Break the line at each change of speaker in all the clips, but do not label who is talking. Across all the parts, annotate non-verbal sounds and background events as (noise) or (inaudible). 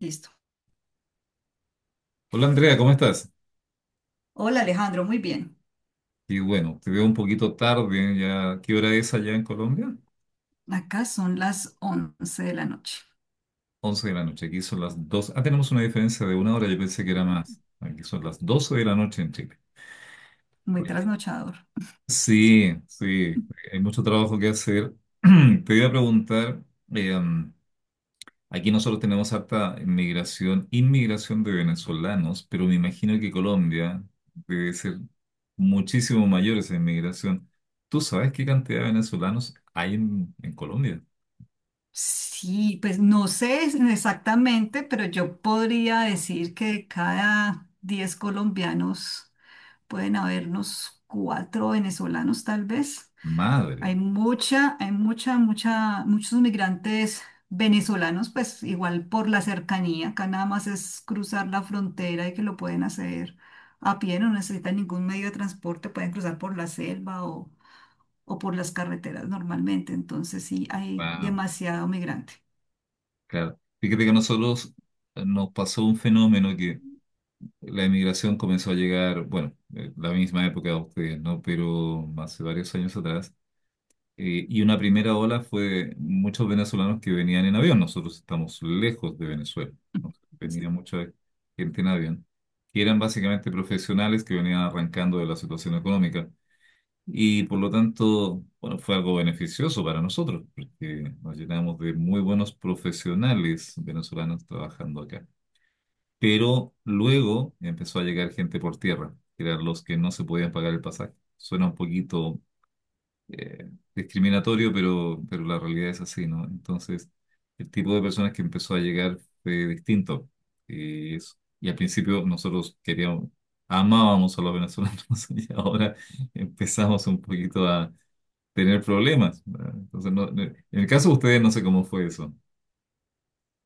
Listo.
Hola Andrea, ¿cómo estás?
Hola Alejandro, muy bien.
Y bueno, te veo un poquito tarde, ya, ¿qué hora es allá en Colombia?
Acá son las 11 de la noche.
11 de la noche, aquí son las 2. Ah, tenemos una diferencia de una hora, yo pensé que era más. Aquí son las 12 de la noche en Chile.
Muy trasnochador.
Sí, sí, hay mucho trabajo que hacer. (clears throat) Te iba a preguntar, eh, aquí nosotros tenemos harta migración, inmigración de venezolanos, pero me imagino que Colombia debe ser muchísimo mayor esa inmigración. ¿Tú sabes qué cantidad de venezolanos hay en Colombia?
Sí, pues no sé exactamente, pero yo podría decir que de cada 10 colombianos pueden habernos cuatro venezolanos tal vez.
Madre,
Muchos migrantes venezolanos, pues igual por la cercanía, acá nada más es cruzar la frontera y que lo pueden hacer a pie, no necesitan ningún medio de transporte, pueden cruzar por la selva o por las carreteras normalmente. Entonces sí, hay
wow,
demasiado migrante.
claro. Fíjate que a nosotros nos pasó un fenómeno que la emigración comenzó a llegar, bueno, la misma época de ustedes, ¿no? Pero hace varios años atrás. Y una primera ola fue muchos venezolanos que venían en avión. Nosotros estamos lejos de Venezuela. ¿No?
Sí.
Venía mucha gente en avión, que eran básicamente profesionales que venían arrancando de la situación económica. Y por lo tanto, bueno, fue algo beneficioso para nosotros, porque nos llenamos de muy buenos profesionales venezolanos trabajando acá. Pero luego empezó a llegar gente por tierra, que eran los que no se podían pagar el pasaje. Suena un poquito discriminatorio, pero la realidad es así, ¿no? Entonces, el tipo de personas que empezó a llegar fue distinto. Y al principio nosotros queríamos, amábamos a los venezolanos (laughs) y ahora empezamos un poquito a tener problemas. ¿Verdad? Entonces, en el caso de ustedes, no sé cómo fue eso,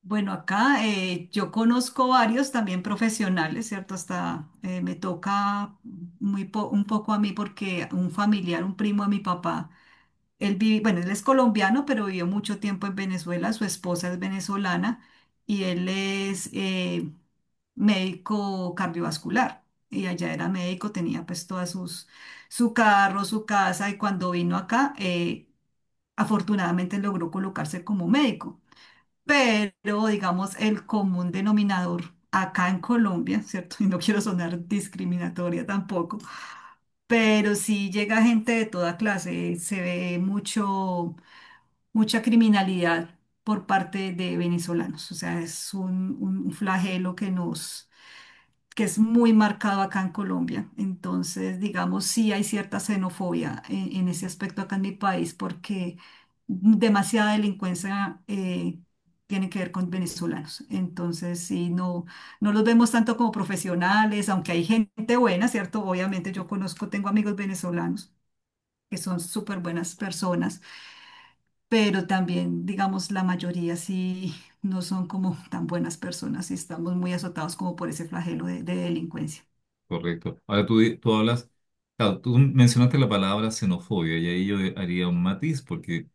Bueno, acá yo conozco varios también profesionales, ¿cierto? Hasta me toca un poco a mí porque un familiar, un primo de mi papá. Él vive, bueno, él es colombiano, pero vivió mucho tiempo en Venezuela. Su esposa es venezolana y él es médico cardiovascular. Y allá era médico, tenía pues todas sus, su carro, su casa. Y cuando vino acá, afortunadamente logró colocarse como médico. Pero, digamos, el común denominador acá en Colombia, ¿cierto? (laughs) Y no quiero sonar discriminatoria tampoco, pero sí llega gente de toda clase. Se ve mucho mucha criminalidad por parte de venezolanos. O sea, es un flagelo que nos, que es muy marcado acá en Colombia. Entonces, digamos, sí hay cierta xenofobia en ese aspecto acá en mi país porque demasiada delincuencia tiene que ver con venezolanos. Entonces, sí, no, no los vemos tanto como profesionales, aunque hay gente buena, ¿cierto? Obviamente yo conozco, tengo amigos venezolanos que son súper buenas personas, pero también, digamos, la mayoría sí no son como tan buenas personas y estamos muy azotados como por ese flagelo de delincuencia.
correcto. Ahora tú hablas, claro, tú mencionaste la palabra xenofobia y ahí yo haría un matiz, porque,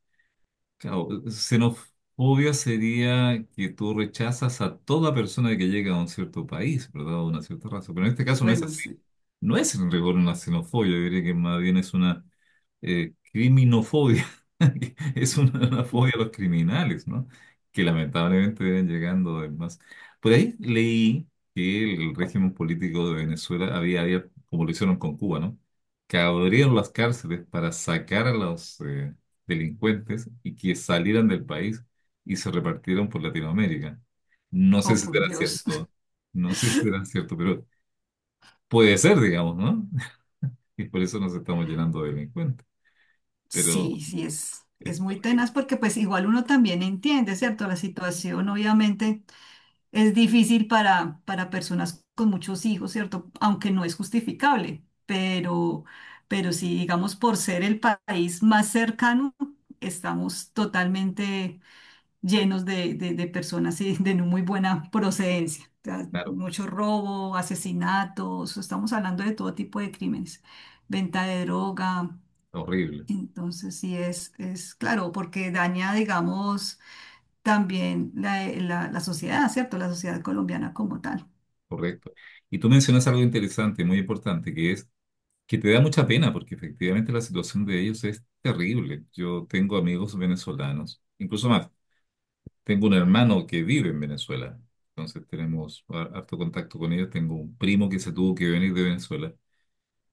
claro, xenofobia sería que tú rechazas a toda persona que llega a un cierto país, ¿verdad? A una cierta raza. Pero en este caso no es
Bueno,
así.
sí.
No es en rigor una xenofobia, yo diría que más bien es una criminofobia, (laughs) es una fobia a los criminales, ¿no? Que lamentablemente vienen llegando además. Por ahí leí que el régimen político de Venezuela había, como lo hicieron con Cuba, ¿no? Que abrieron las cárceles para sacar a los delincuentes y que salieran del país y se repartieron por Latinoamérica. No sé
Oh,
si
por
será
Dios.
cierto,
(laughs)
no sé si será cierto, pero puede ser, digamos, ¿no? (laughs) Y por eso nos estamos llenando de delincuentes.
Sí,
Pero
sí,
es
es muy
horrible,
tenaz porque pues igual uno también entiende, ¿cierto? La situación obviamente es difícil para personas con muchos hijos, ¿cierto? Aunque no es justificable, pero sí, digamos, por ser el país más cercano, estamos totalmente llenos de personas y de no muy buena procedencia. O sea,
claro,
mucho robo, asesinatos, estamos hablando de todo tipo de crímenes, venta de droga.
horrible,
Entonces, sí es claro, porque daña, digamos, también la sociedad, ¿cierto? La sociedad colombiana como tal.
correcto. Y tú mencionas algo interesante, muy importante, que es que te da mucha pena porque efectivamente la situación de ellos es terrible. Yo tengo amigos venezolanos, incluso más, tengo un hermano que vive en Venezuela, entonces tenemos harto contacto con ellos, tengo un primo que se tuvo que venir de Venezuela.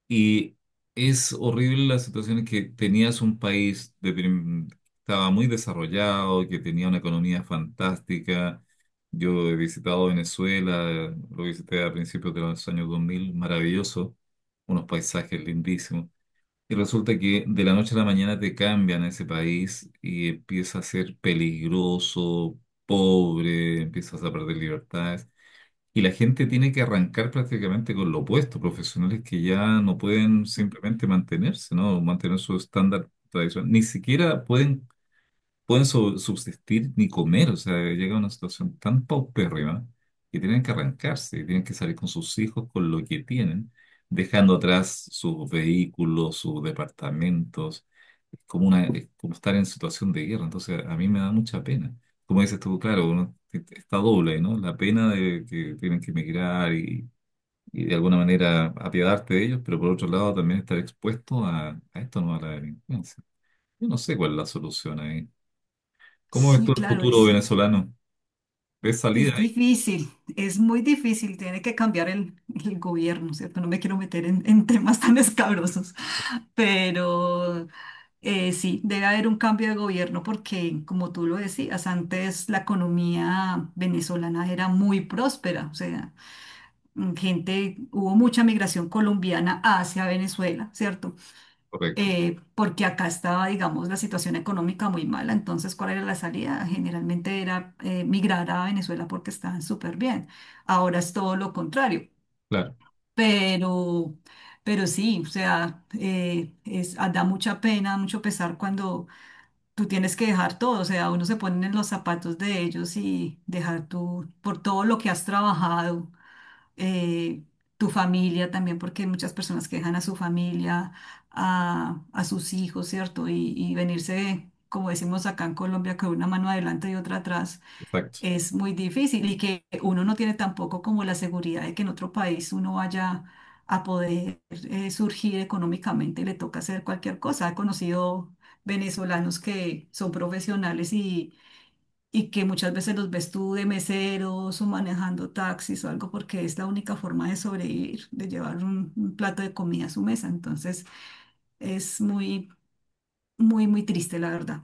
Y es horrible la situación en que tenías un país de que estaba muy desarrollado, que tenía una economía fantástica. Yo he visitado Venezuela, lo visité a principios de los años 2000, maravilloso, unos paisajes lindísimos. Y resulta que de la noche a la mañana te cambian ese país y empieza a ser peligroso, pobre, empiezas a perder libertades. Y la gente tiene que arrancar prácticamente con lo opuesto, profesionales que ya no pueden simplemente mantenerse, ¿no? Mantener su estándar tradicional. Ni siquiera pueden subsistir ni comer, o sea, llega a una situación tan paupérrima que tienen que arrancarse, y tienen que salir con sus hijos, con lo que tienen, dejando atrás sus vehículos, sus departamentos, es como estar en situación de guerra, entonces a mí me da mucha pena. Como dices tú, claro, uno está doble, ¿no? La pena de que tienen que emigrar y de alguna manera apiadarte de ellos, pero por otro lado también estar expuesto a esto, ¿no? A la delincuencia. Yo no sé cuál es la solución ahí. ¿Cómo ves tú
Sí,
el
claro,
futuro venezolano? ¿Ves
es
salida ahí?
difícil, es muy difícil, tiene que cambiar el gobierno, ¿cierto? No me quiero meter en temas tan (laughs) escabrosos. Pero sí, debe haber un cambio de gobierno porque, como tú lo decías, antes la economía venezolana era muy próspera. O sea, gente, hubo mucha migración colombiana hacia Venezuela, ¿cierto?
Correcto,
Porque acá estaba, digamos, la situación económica muy mala. Entonces, ¿cuál era la salida? Generalmente era migrar a Venezuela porque estaban súper bien. Ahora es todo lo contrario,
claro,
pero... Pero sí, o sea, es, ah, da mucha pena, mucho pesar cuando tú tienes que dejar todo. O sea, uno se pone en los zapatos de ellos y dejar tú por todo lo que has trabajado, eh, tu familia también, porque hay muchas personas que dejan a su familia, a sus hijos, ¿cierto? Y venirse, como decimos acá en Colombia, con una mano adelante y otra atrás,
exacto.
es muy difícil, y que uno no tiene tampoco como la seguridad de que en otro país uno vaya a poder surgir económicamente, le toca hacer cualquier cosa. He conocido venezolanos que son profesionales y que muchas veces los ves tú de meseros o manejando taxis o algo porque es la única forma de sobrevivir, de llevar un plato de comida a su mesa. Entonces es muy, muy, muy triste, la verdad.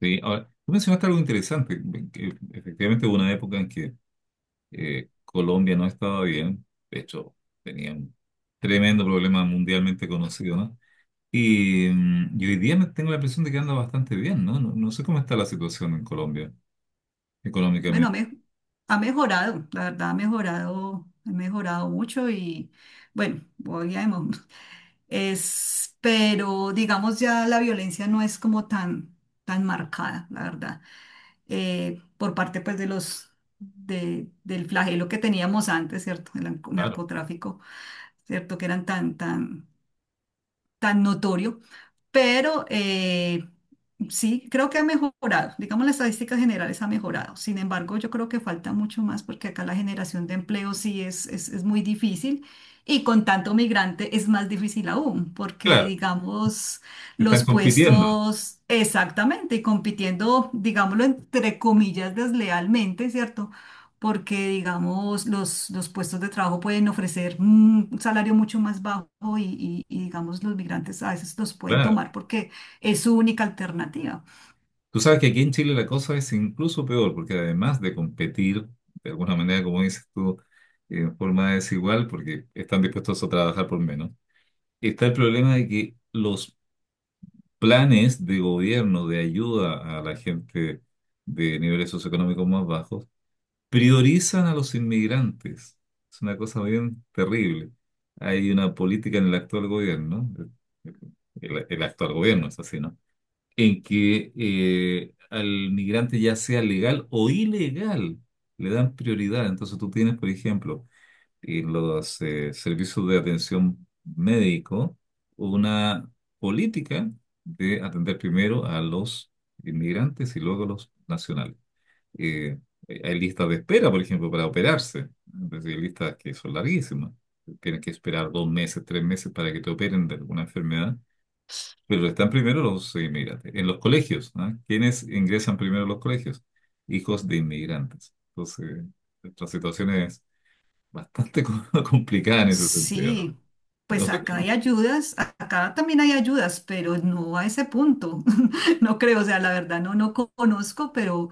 Sí, ahora, tú mencionaste algo interesante, que efectivamente hubo una época en que Colombia no estaba bien, de hecho tenía un tremendo problema mundialmente conocido, ¿no? Y hoy día me tengo la impresión de que anda bastante bien, ¿no? No, no sé cómo está la situación en Colombia
Bueno,
económicamente.
ha mejorado, la verdad, ha mejorado mucho y bueno, voy a es, pero digamos ya la violencia no es como tan, tan marcada, la verdad, por parte pues de los, de, del flagelo que teníamos antes, ¿cierto? El
Claro,
narcotráfico, ¿cierto? Que eran tan, tan, tan notorio, pero sí, creo que ha mejorado. Digamos, las estadísticas generales ha mejorado. Sin embargo, yo creo que falta mucho más porque acá la generación de empleo sí es muy difícil. Y con tanto migrante es más difícil aún, porque
claro,
digamos, los
están compitiendo,
puestos, exactamente, y compitiendo, digámoslo, entre comillas, deslealmente, ¿cierto? Porque, digamos, los puestos de trabajo pueden ofrecer un salario mucho más bajo y digamos, los migrantes a veces los pueden
claro.
tomar porque es su única alternativa.
Tú sabes que aquí en Chile la cosa es incluso peor, porque además de competir, de alguna manera, como dices tú, en forma desigual, porque están dispuestos a trabajar por menos, está el problema de que los planes de gobierno de ayuda a la gente de niveles socioeconómicos más bajos priorizan a los inmigrantes. Es una cosa bien terrible. Hay una política en el actual gobierno, el actual gobierno es así, ¿no? En que al migrante ya sea legal o ilegal, le dan prioridad. Entonces tú tienes, por ejemplo, en los servicios de atención médico, una política de atender primero a los inmigrantes y luego a los nacionales. Eh, hay listas de espera, por ejemplo, para operarse. Es decir, hay listas que son larguísimas. Tienes que esperar 2 meses, 3 meses para que te operen de alguna enfermedad. Pero están primero los inmigrantes. En los colegios, ¿no? ¿Quiénes ingresan primero a los colegios? Hijos de inmigrantes. Entonces, nuestra situación es bastante (laughs) complicada en ese sentido, ¿no?
Sí,
No
pues
sé,
acá hay ayudas, acá también hay ayudas, pero no a ese punto, (laughs) no creo, o sea, la verdad no, no conozco,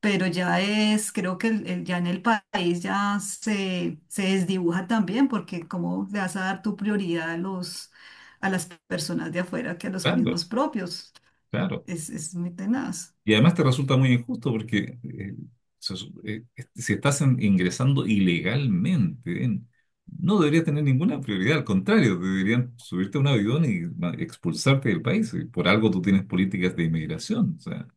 pero ya es, creo que ya en el país ya se desdibuja también, porque cómo le vas a dar tu prioridad a los, a las personas de afuera que a los
claro,
mismos propios.
claro.
Es muy tenaz.
Y además te resulta muy injusto porque si estás ingresando ilegalmente, no debería tener ninguna prioridad. Al contrario, te deberían subirte a un avión y expulsarte del país. Y por algo tú tienes políticas de inmigración. O sea,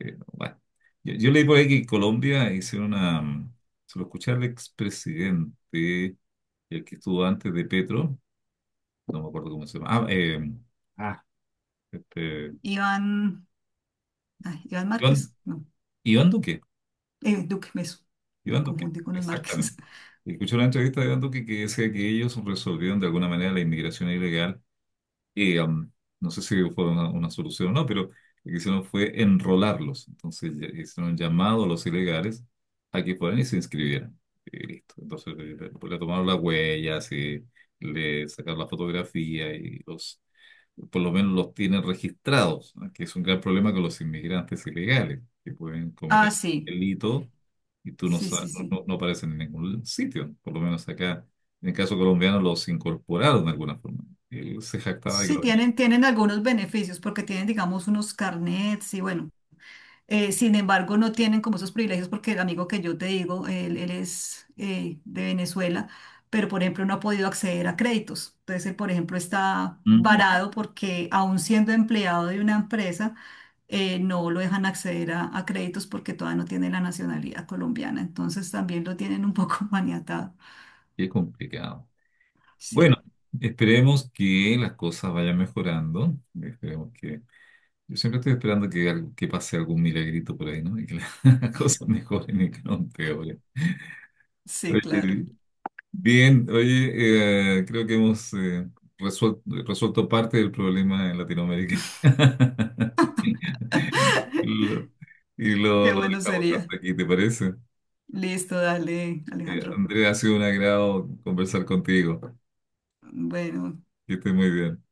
Bueno, yo leí por ahí que en Colombia hicieron una. Se lo escuché al expresidente, el que estuvo antes de Petro, no me acuerdo cómo se llama. Ah, este,
Iván, ay, Iván Márquez,
Iván,
no,
Iván Duque.
Duque, eso, lo
Iván Duque,
confundí con los
exactamente.
Márquez. (laughs)
Escuché una entrevista de Iván Duque que decía que ellos resolvieron de alguna manera la inmigración ilegal. eh, um, no sé si fue una solución o no, pero lo que hicieron fue enrolarlos. Entonces hicieron un llamado a los ilegales a que fueran y se inscribieran. Y listo. Entonces pues, le tomaron las huellas y le sacaron la fotografía y los, por lo menos los tienen registrados, ¿no? Que es un gran problema con los inmigrantes ilegales, que pueden
Ah,
cometer
sí,
delito y tú no,
sí, sí,
sa- no,
sí.
no no aparecen en ningún sitio, por lo menos acá. En el caso colombiano los incorporaron de alguna forma. Él se jactaba de que
Sí,
los.
tienen algunos beneficios porque tienen, digamos, unos carnets y bueno, sin embargo, no tienen como esos privilegios porque el amigo que yo te digo, él es de Venezuela, pero por ejemplo no ha podido acceder a créditos. Entonces él, por ejemplo, está
Mm,
varado porque aún siendo empleado de una empresa, no lo dejan acceder a créditos porque todavía no tiene la nacionalidad colombiana. Entonces también lo tienen un poco (laughs) maniatado.
qué complicado. Bueno,
Sí,
esperemos que las cosas vayan mejorando. Esperemos que. Yo siempre estoy esperando que, que pase algún milagrito por ahí, ¿no? Y que las (laughs) las cosas mejoren (laughs) y que no empeoren.
sí, claro.
Oye, bien, oye, creo que hemos resuel- resuelto parte del problema en Latinoamérica. (laughs)
(laughs)
Lo- y lo,
Qué
lo
bueno
dejamos
sería.
hasta aquí, ¿te parece?
Listo, dale, Alejandro.
Andrea, ha sido un agrado conversar contigo.
Bueno.
Que estés muy bien.